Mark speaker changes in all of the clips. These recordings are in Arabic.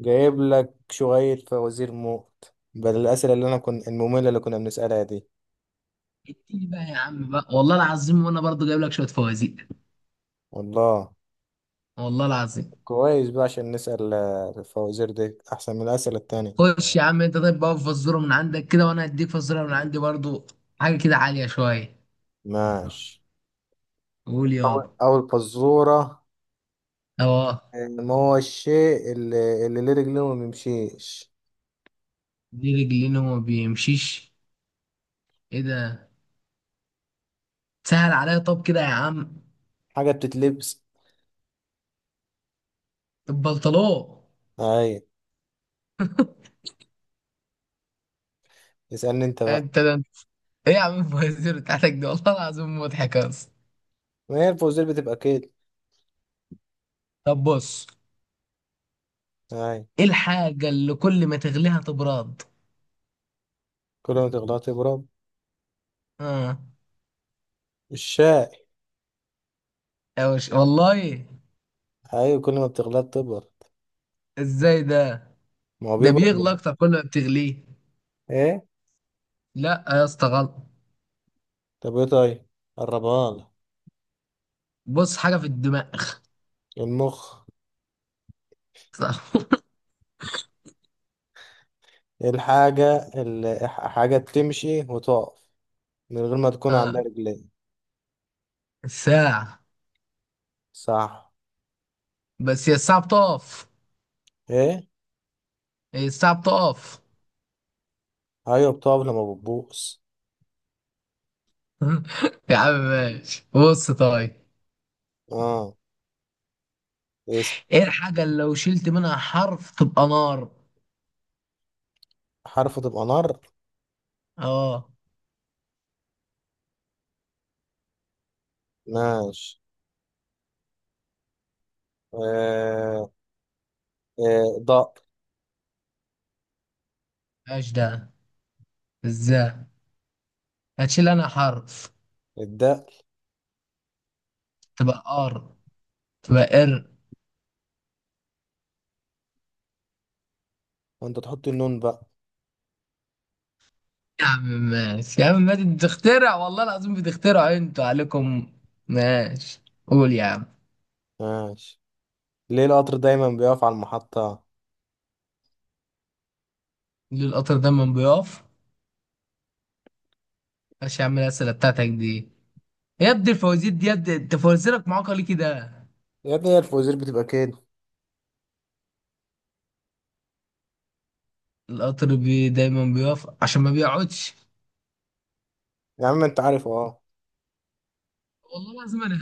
Speaker 1: جايب لك شوية فوازير موت بدل الأسئلة اللي أنا كنت المملة اللي كنا بنسألها دي.
Speaker 2: اديني بقى يا عم بقى، والله العظيم وانا برضو جايب لك شويه فوازير.
Speaker 1: والله
Speaker 2: والله العظيم.
Speaker 1: كويس بقى عشان نسأل. الفوازير دي أحسن من الأسئلة التانية.
Speaker 2: خش يا عم انت، طيب بقى فزوره من عندك كده وانا هديك فزوره من عندي برضو. حاجه كده عاليه شويه.
Speaker 1: ماشي.
Speaker 2: قول
Speaker 1: أول
Speaker 2: يابا.
Speaker 1: أول فزورة.
Speaker 2: اه.
Speaker 1: ما هو الشيء اللي ليه رجلين وما بيمشيش؟
Speaker 2: دي رجلين وما بيمشيش؟ ايه ده؟ سهل عليا طب كده يا عم.
Speaker 1: حاجة بتتلبس.
Speaker 2: البلطلو.
Speaker 1: أي. اسألني أنت بقى.
Speaker 2: انت ده انت- ايه يا عم الفوازير بتاعتك دي، والله العظيم مضحك اصلا.
Speaker 1: ما هي الفوازير بتبقى كده.
Speaker 2: طب بص.
Speaker 1: أي.
Speaker 2: ايه الحاجه اللي كل ما تغليها تبرد؟
Speaker 1: كل ما تغلط تبرد.
Speaker 2: اه.
Speaker 1: الشاي.
Speaker 2: يا وش والله.
Speaker 1: أيوة، كل ما بتغلط تبرد.
Speaker 2: ازاي ده؟
Speaker 1: ما هو
Speaker 2: ده
Speaker 1: بيبرد
Speaker 2: بيغلى
Speaker 1: من-
Speaker 2: اكتر كل ما بتغليه.
Speaker 1: إيه؟
Speaker 2: لا يا اسطى غلط.
Speaker 1: طب إيه طيب؟ قربها.
Speaker 2: بص، حاجه في الدماغ.
Speaker 1: المخ. الحاجة اللي حاجة بتمشي وتقف من غير ما تكون عندها رجلين.
Speaker 2: الساعه.
Speaker 1: صح.
Speaker 2: بس هي الساعه بتقف.
Speaker 1: ايه.
Speaker 2: هي الساعه بتقف.
Speaker 1: ايوه بتقف لما بتبوس.
Speaker 2: يا عم ماشي، بص طيب.
Speaker 1: اه. اس-
Speaker 2: ايه الحاجه اللي لو شلت منها حرف تبقى نار؟
Speaker 1: حرف تبقى نار.
Speaker 2: اه.
Speaker 1: ماشي. آه. آه. دق.
Speaker 2: ايش ده؟ ازاي؟ هتشيل انا حرف
Speaker 1: الدق.
Speaker 2: تبقى قار؟ تبقى قر؟
Speaker 1: وانت تحط النون بقى.
Speaker 2: يا عم ماشي، يا عم ماشي، انت بتخترع والله العظيم، بتخترع انتوا عليكم. ماشي. قول يا عم.
Speaker 1: ماشي. ليه القطر دايما بيقف على المحطة؟
Speaker 2: ليه القطر دايما بيقف؟ ماشي يا عم الأسئلة بتاعتك دي. يا ابني الفوازير دي، يا ابني أنت فوازيرك معاقة ليه كده؟
Speaker 1: يا ابني هي الفوازير بتبقى كده.
Speaker 2: القطر بي دايما بيقف عشان ما بيقعدش.
Speaker 1: يا عم انت عارف اه.
Speaker 2: والله لازم أنا.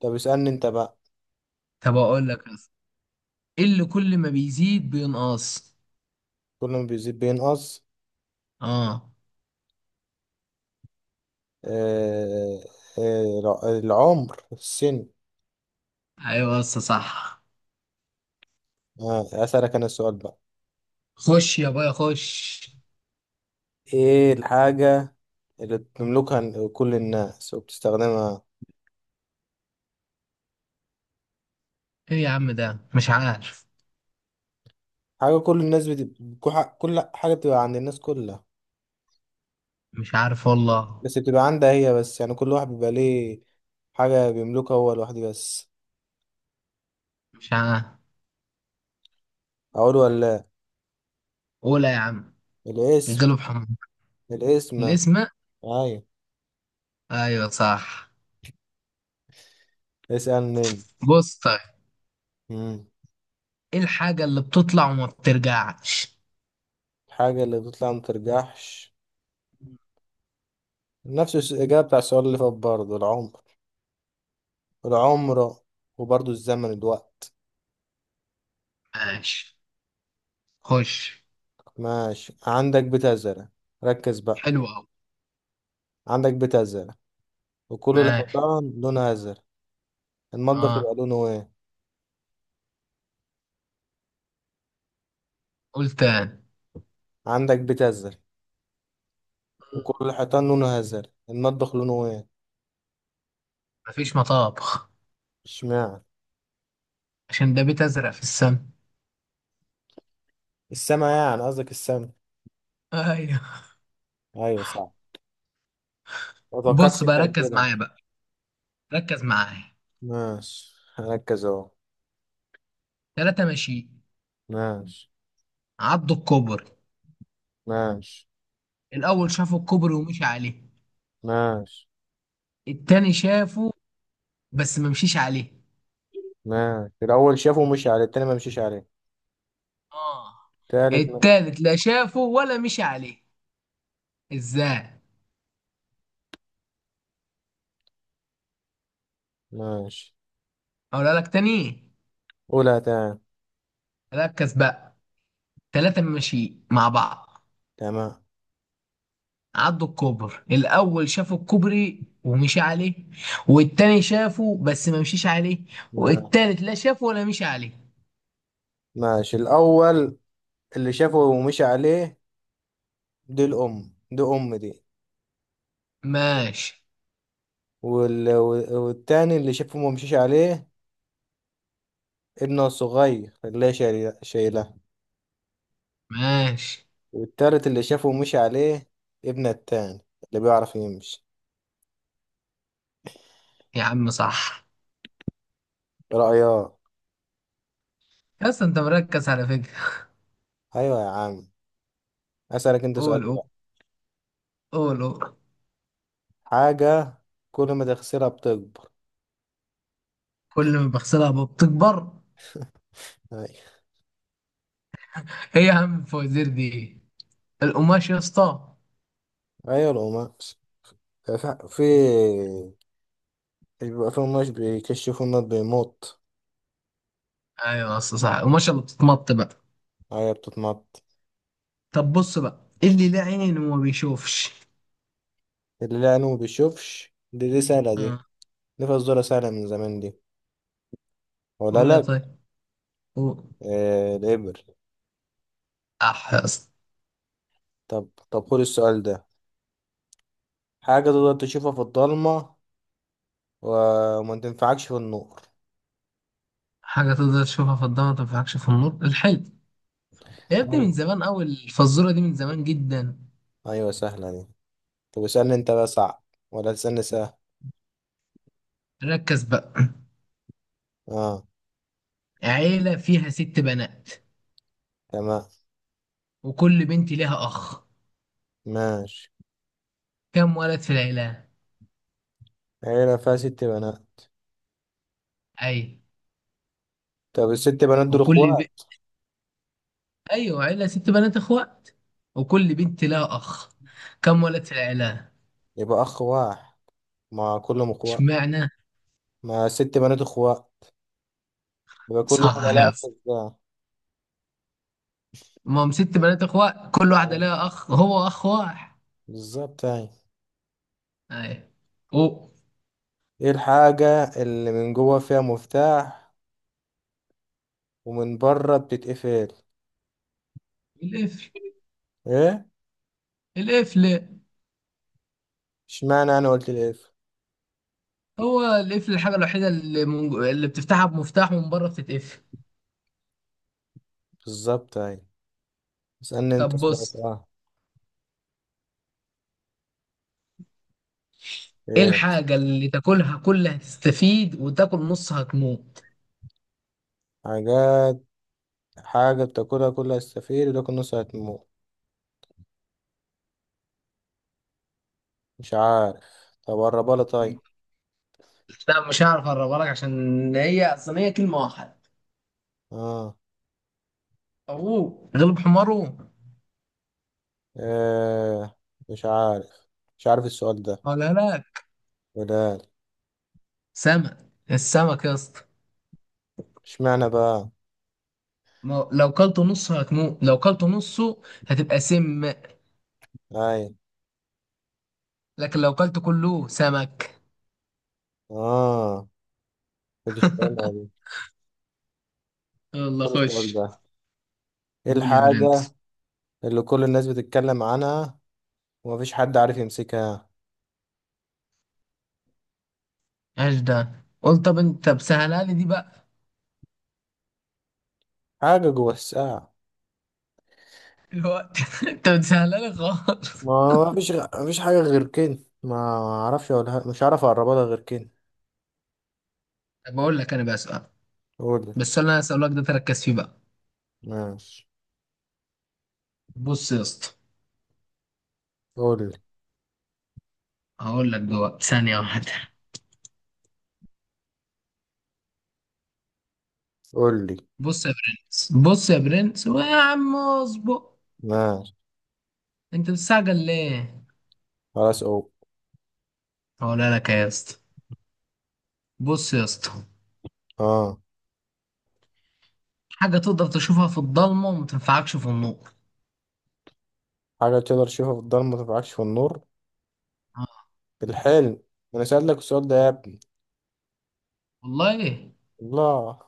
Speaker 1: طب اسألني انت بقى.
Speaker 2: طب أقول لك أصلا. إيه اللي كل ما بيزيد بينقص؟
Speaker 1: كل ما بيزيد بينقص.
Speaker 2: أه.
Speaker 1: آه. آه. العمر، السن.
Speaker 2: أيوه بس صح.
Speaker 1: آه، أسألك أنا السؤال بقى.
Speaker 2: خش يا بايا خش.
Speaker 1: إيه الحاجة اللي بتملكها كل الناس وبتستخدمها؟
Speaker 2: إيه يا عم ده؟ مش عارف.
Speaker 1: حاجة كل الناس بتبقى، كل حاجة بتبقى عند الناس كلها،
Speaker 2: مش عارف والله.
Speaker 1: بس بتبقى عندها هي بس، يعني كل واحد بيبقى ليه حاجة بيملكها هو لوحده بس.
Speaker 2: مش عارف.
Speaker 1: أقول ولا لأ؟
Speaker 2: قولها يا عم.
Speaker 1: الاسم.
Speaker 2: غلب حمار.
Speaker 1: الاسم.
Speaker 2: الاسم.
Speaker 1: أيوة.
Speaker 2: أيوه صح.
Speaker 1: اسألني أنت.
Speaker 2: بص طيب.
Speaker 1: مم.
Speaker 2: إيه الحاجة اللي بتطلع وما بترجعش؟
Speaker 1: الحاجة اللي بتطلع ما ترجعش، نفس الإجابة بتاع السؤال اللي فات برضه، العمر. العمر. وبرضه الزمن، الوقت.
Speaker 2: ماشي. خش.
Speaker 1: ماشي. عندك بتزرع، ركز بقى.
Speaker 2: حلو أوي.
Speaker 1: عندك بيت أزرق وكل
Speaker 2: ماشي.
Speaker 1: الحيطان لونها أزرق، المطبخ يبقى
Speaker 2: اه.
Speaker 1: لونه إيه؟
Speaker 2: قول تاني.
Speaker 1: عندك بيت أزرق وكل الحيطان لونه أزرق، المطبخ لونه إيه؟
Speaker 2: مفيش مطابخ.
Speaker 1: اشمعنى؟
Speaker 2: عشان ده بيت أزرق في السما.
Speaker 1: السما، يعني قصدك السما.
Speaker 2: ايوه.
Speaker 1: أيوة صح. ما
Speaker 2: بص
Speaker 1: توقعتش أنت
Speaker 2: بقى ركز
Speaker 1: هتجيبها.
Speaker 2: معايا بقى. ركز معايا.
Speaker 1: ماشي، هركز أهو.
Speaker 2: ثلاثة ماشي.
Speaker 1: ماشي.
Speaker 2: عضوا الكوبري.
Speaker 1: ماشي.
Speaker 2: الأول شافوا الكوبري ومشي عليه.
Speaker 1: ماشي.
Speaker 2: التاني شافه بس ما مشيش عليه.
Speaker 1: ماشي الأول شافه ومشي عليه، التاني ما مشيش عليه.
Speaker 2: اه.
Speaker 1: تالت ما.
Speaker 2: التالت لا شافه ولا مشي عليه. ازاي؟
Speaker 1: ماشي.
Speaker 2: أقولها لك تاني.
Speaker 1: قولها تاني.
Speaker 2: ركز بقى. 3 ماشي مع بعض.
Speaker 1: تمام.
Speaker 2: عدوا الكوبر، الاول شافوا الكوبري ومشي عليه، والتاني شافه بس ما مشيش عليه،
Speaker 1: ما-.
Speaker 2: والتالت لا شافه ولا مشي عليه.
Speaker 1: ماشي، الأول اللي شافه ومشي عليه دي الأم، دي أم دي.
Speaker 2: ماشي.
Speaker 1: وال... والتاني اللي شافه ما مشيش عليه، ابنه الصغير خلاه شايلها.
Speaker 2: ماشي
Speaker 1: والتالت اللي شافه مشي عليه، ابنه التاني اللي بيعرف يمشي.
Speaker 2: يا عم صح.
Speaker 1: رأياه.
Speaker 2: يا اسطى انت مركز على فكرة.
Speaker 1: أيوة يا عم. أسألك أنت سؤال
Speaker 2: قول قول.
Speaker 1: بقى.
Speaker 2: قول قول.
Speaker 1: حاجة كل ما تغسلها بتكبر.
Speaker 2: كل ما بغسلها بتكبر.
Speaker 1: أيوة.
Speaker 2: ايه يا عم الفوازير دي ايه. القماش يا اسطى.
Speaker 1: أيوة، القماش. في في- بيبقى في قماش بيكشفوا إنه بيموت.
Speaker 2: ايوه يا اسطى صح، القماش اللي بتتمط بقى.
Speaker 1: أيوة بتتمط.
Speaker 2: طب بص بقى، إيه اللي لا عين وما بيشوفش؟
Speaker 1: اللي لا عينه ما بيشوفش، دي سهلة دي،
Speaker 2: اه.
Speaker 1: دي فزورة سهلة من زمان دي. ولا
Speaker 2: قول يا
Speaker 1: لأ؟
Speaker 2: طيب. قول.
Speaker 1: آه، الإبر.
Speaker 2: اح يا اسطى.
Speaker 1: طب طب خد السؤال ده. حاجة تقدر تشوفها في الضلمة وما تنفعكش في النور.
Speaker 2: حاجة تقدر تشوفها في الضلمة ما تنفعكش في النور، الحلم. يا ابني من
Speaker 1: أوه.
Speaker 2: زمان أوي الفزورة دي، من زمان جدا.
Speaker 1: أيوة سهلة دي. طب اسألني أنت بقى صعب ولا تسألني سهل؟
Speaker 2: ركز بقى.
Speaker 1: أه.
Speaker 2: عيلة فيها 6 بنات،
Speaker 1: تمام.
Speaker 2: وكل بنت ليها أخ،
Speaker 1: ماشي.
Speaker 2: كم ولد في العيلة؟
Speaker 1: عيلة فيها ست بنات.
Speaker 2: أي.
Speaker 1: طب الست بنات دول
Speaker 2: وكل ب...
Speaker 1: إخوات.
Speaker 2: أيوة، عيلة 6 بنات إخوات، وكل بنت لها أخ، كم ولد في العيلة؟
Speaker 1: يبقى أخ واحد مع كلهم إخوات،
Speaker 2: اشمعنى؟
Speaker 1: ما ست بنات إخوات يبقى كل واحدة
Speaker 2: صح
Speaker 1: لها
Speaker 2: يا
Speaker 1: أخ
Speaker 2: اسطى.
Speaker 1: بتاع.
Speaker 2: ما هم 6 بنات إخوات، كل واحدة
Speaker 1: أيوة،
Speaker 2: لها أخ، هو أخ 1.
Speaker 1: بالظبط أيوة.
Speaker 2: أي. و.
Speaker 1: إيه الحاجة اللي من جوه فيها مفتاح ومن بره بتتقفل؟
Speaker 2: القفل.
Speaker 1: إيه؟
Speaker 2: القفل.
Speaker 1: اشمعنى أنا قلت الإيه؟
Speaker 2: هو القفل الحاجة الوحيدة اللي بتفتحها بمفتاح ومن بره بتتقفل.
Speaker 1: بالظبط أيوة. اسألني أنت
Speaker 2: طب
Speaker 1: سؤال.
Speaker 2: بص.
Speaker 1: آه.
Speaker 2: ايه
Speaker 1: إيه؟
Speaker 2: الحاجة اللي تاكلها كلها هتستفيد وتاكل نصها هتموت؟
Speaker 1: حاجات، حاجة بتاكلها كلها السفير وتاكل نصها هتموت. مش عارف. طب قربها لي طيب.
Speaker 2: لا مش هعرف اقربها لك عشان هي اصلا هي كلمة واحدة.
Speaker 1: آه.
Speaker 2: اخوه غلب حماره.
Speaker 1: إيه؟ مش عارف. مش عارف السؤال ده.
Speaker 2: ولا لا.
Speaker 1: ولا.
Speaker 2: سمك. السمك يا اسطى.
Speaker 1: اشمعنى بقى؟
Speaker 2: ما هو لو كلته نصه هتموت، لو كلته نصه هتبقى سم.
Speaker 1: أيوة.
Speaker 2: لكن لو كلت كله سمك.
Speaker 1: آه، كنت فاهمها دي.
Speaker 2: يلا
Speaker 1: كل السؤال
Speaker 2: خش.
Speaker 1: ده. إيه
Speaker 2: قول يا
Speaker 1: الحاجة
Speaker 2: برنس.
Speaker 1: اللي كل الناس بتتكلم عنها ومفيش حد عارف يمسكها؟
Speaker 2: ايش ده؟ قول، طب انت بسهلها لي دي بقى.
Speaker 1: حاجة جوه الساعة.
Speaker 2: الوقت. انت بتسهلها لي خالص.
Speaker 1: ما مفيش غ... مفيش حاجة غير كده، ما اعرفش اقولها، مش عارف اقربها لها غير كده.
Speaker 2: طب بقول لك انا بقى سؤال.
Speaker 1: قولي.
Speaker 2: بس السؤال اللي انا هسألك ده تركز فيه بقى.
Speaker 1: ماشي.
Speaker 2: بص يا اسطى.
Speaker 1: قولي.
Speaker 2: هقول لك دلوقتي، ثانية 1.
Speaker 1: قولي.
Speaker 2: بص يا برنس، بص يا برنس ويا عم اصبر.
Speaker 1: ماشي.
Speaker 2: انت بتستعجل ليه؟
Speaker 1: خلاص أو.
Speaker 2: هقولها لك يا اسطى. بص يا اسطى.
Speaker 1: آه.
Speaker 2: حاجة تقدر تشوفها في الضلمة وما تنفعكش في النور.
Speaker 1: حاجة تقدر تشوفها في الضلمة متنفعكش في النور.
Speaker 2: آه،
Speaker 1: الحلم. أنا سألتك السؤال ده يا ابني.
Speaker 2: والله.
Speaker 1: الله.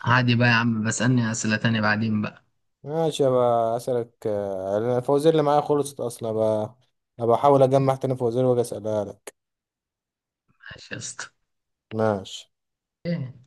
Speaker 2: عادي بقى يا عم، بسألني أسئلة تانية بعدين بقى.
Speaker 1: ماشي بقى أسألك. أنا الفوازير اللي معايا خلصت أصلا بقى، أبقى أحاول أجمع تاني فوازير وأجي أسألها لك.
Speaker 2: ماشي يا اسطى.
Speaker 1: ماشي.
Speaker 2: ايه.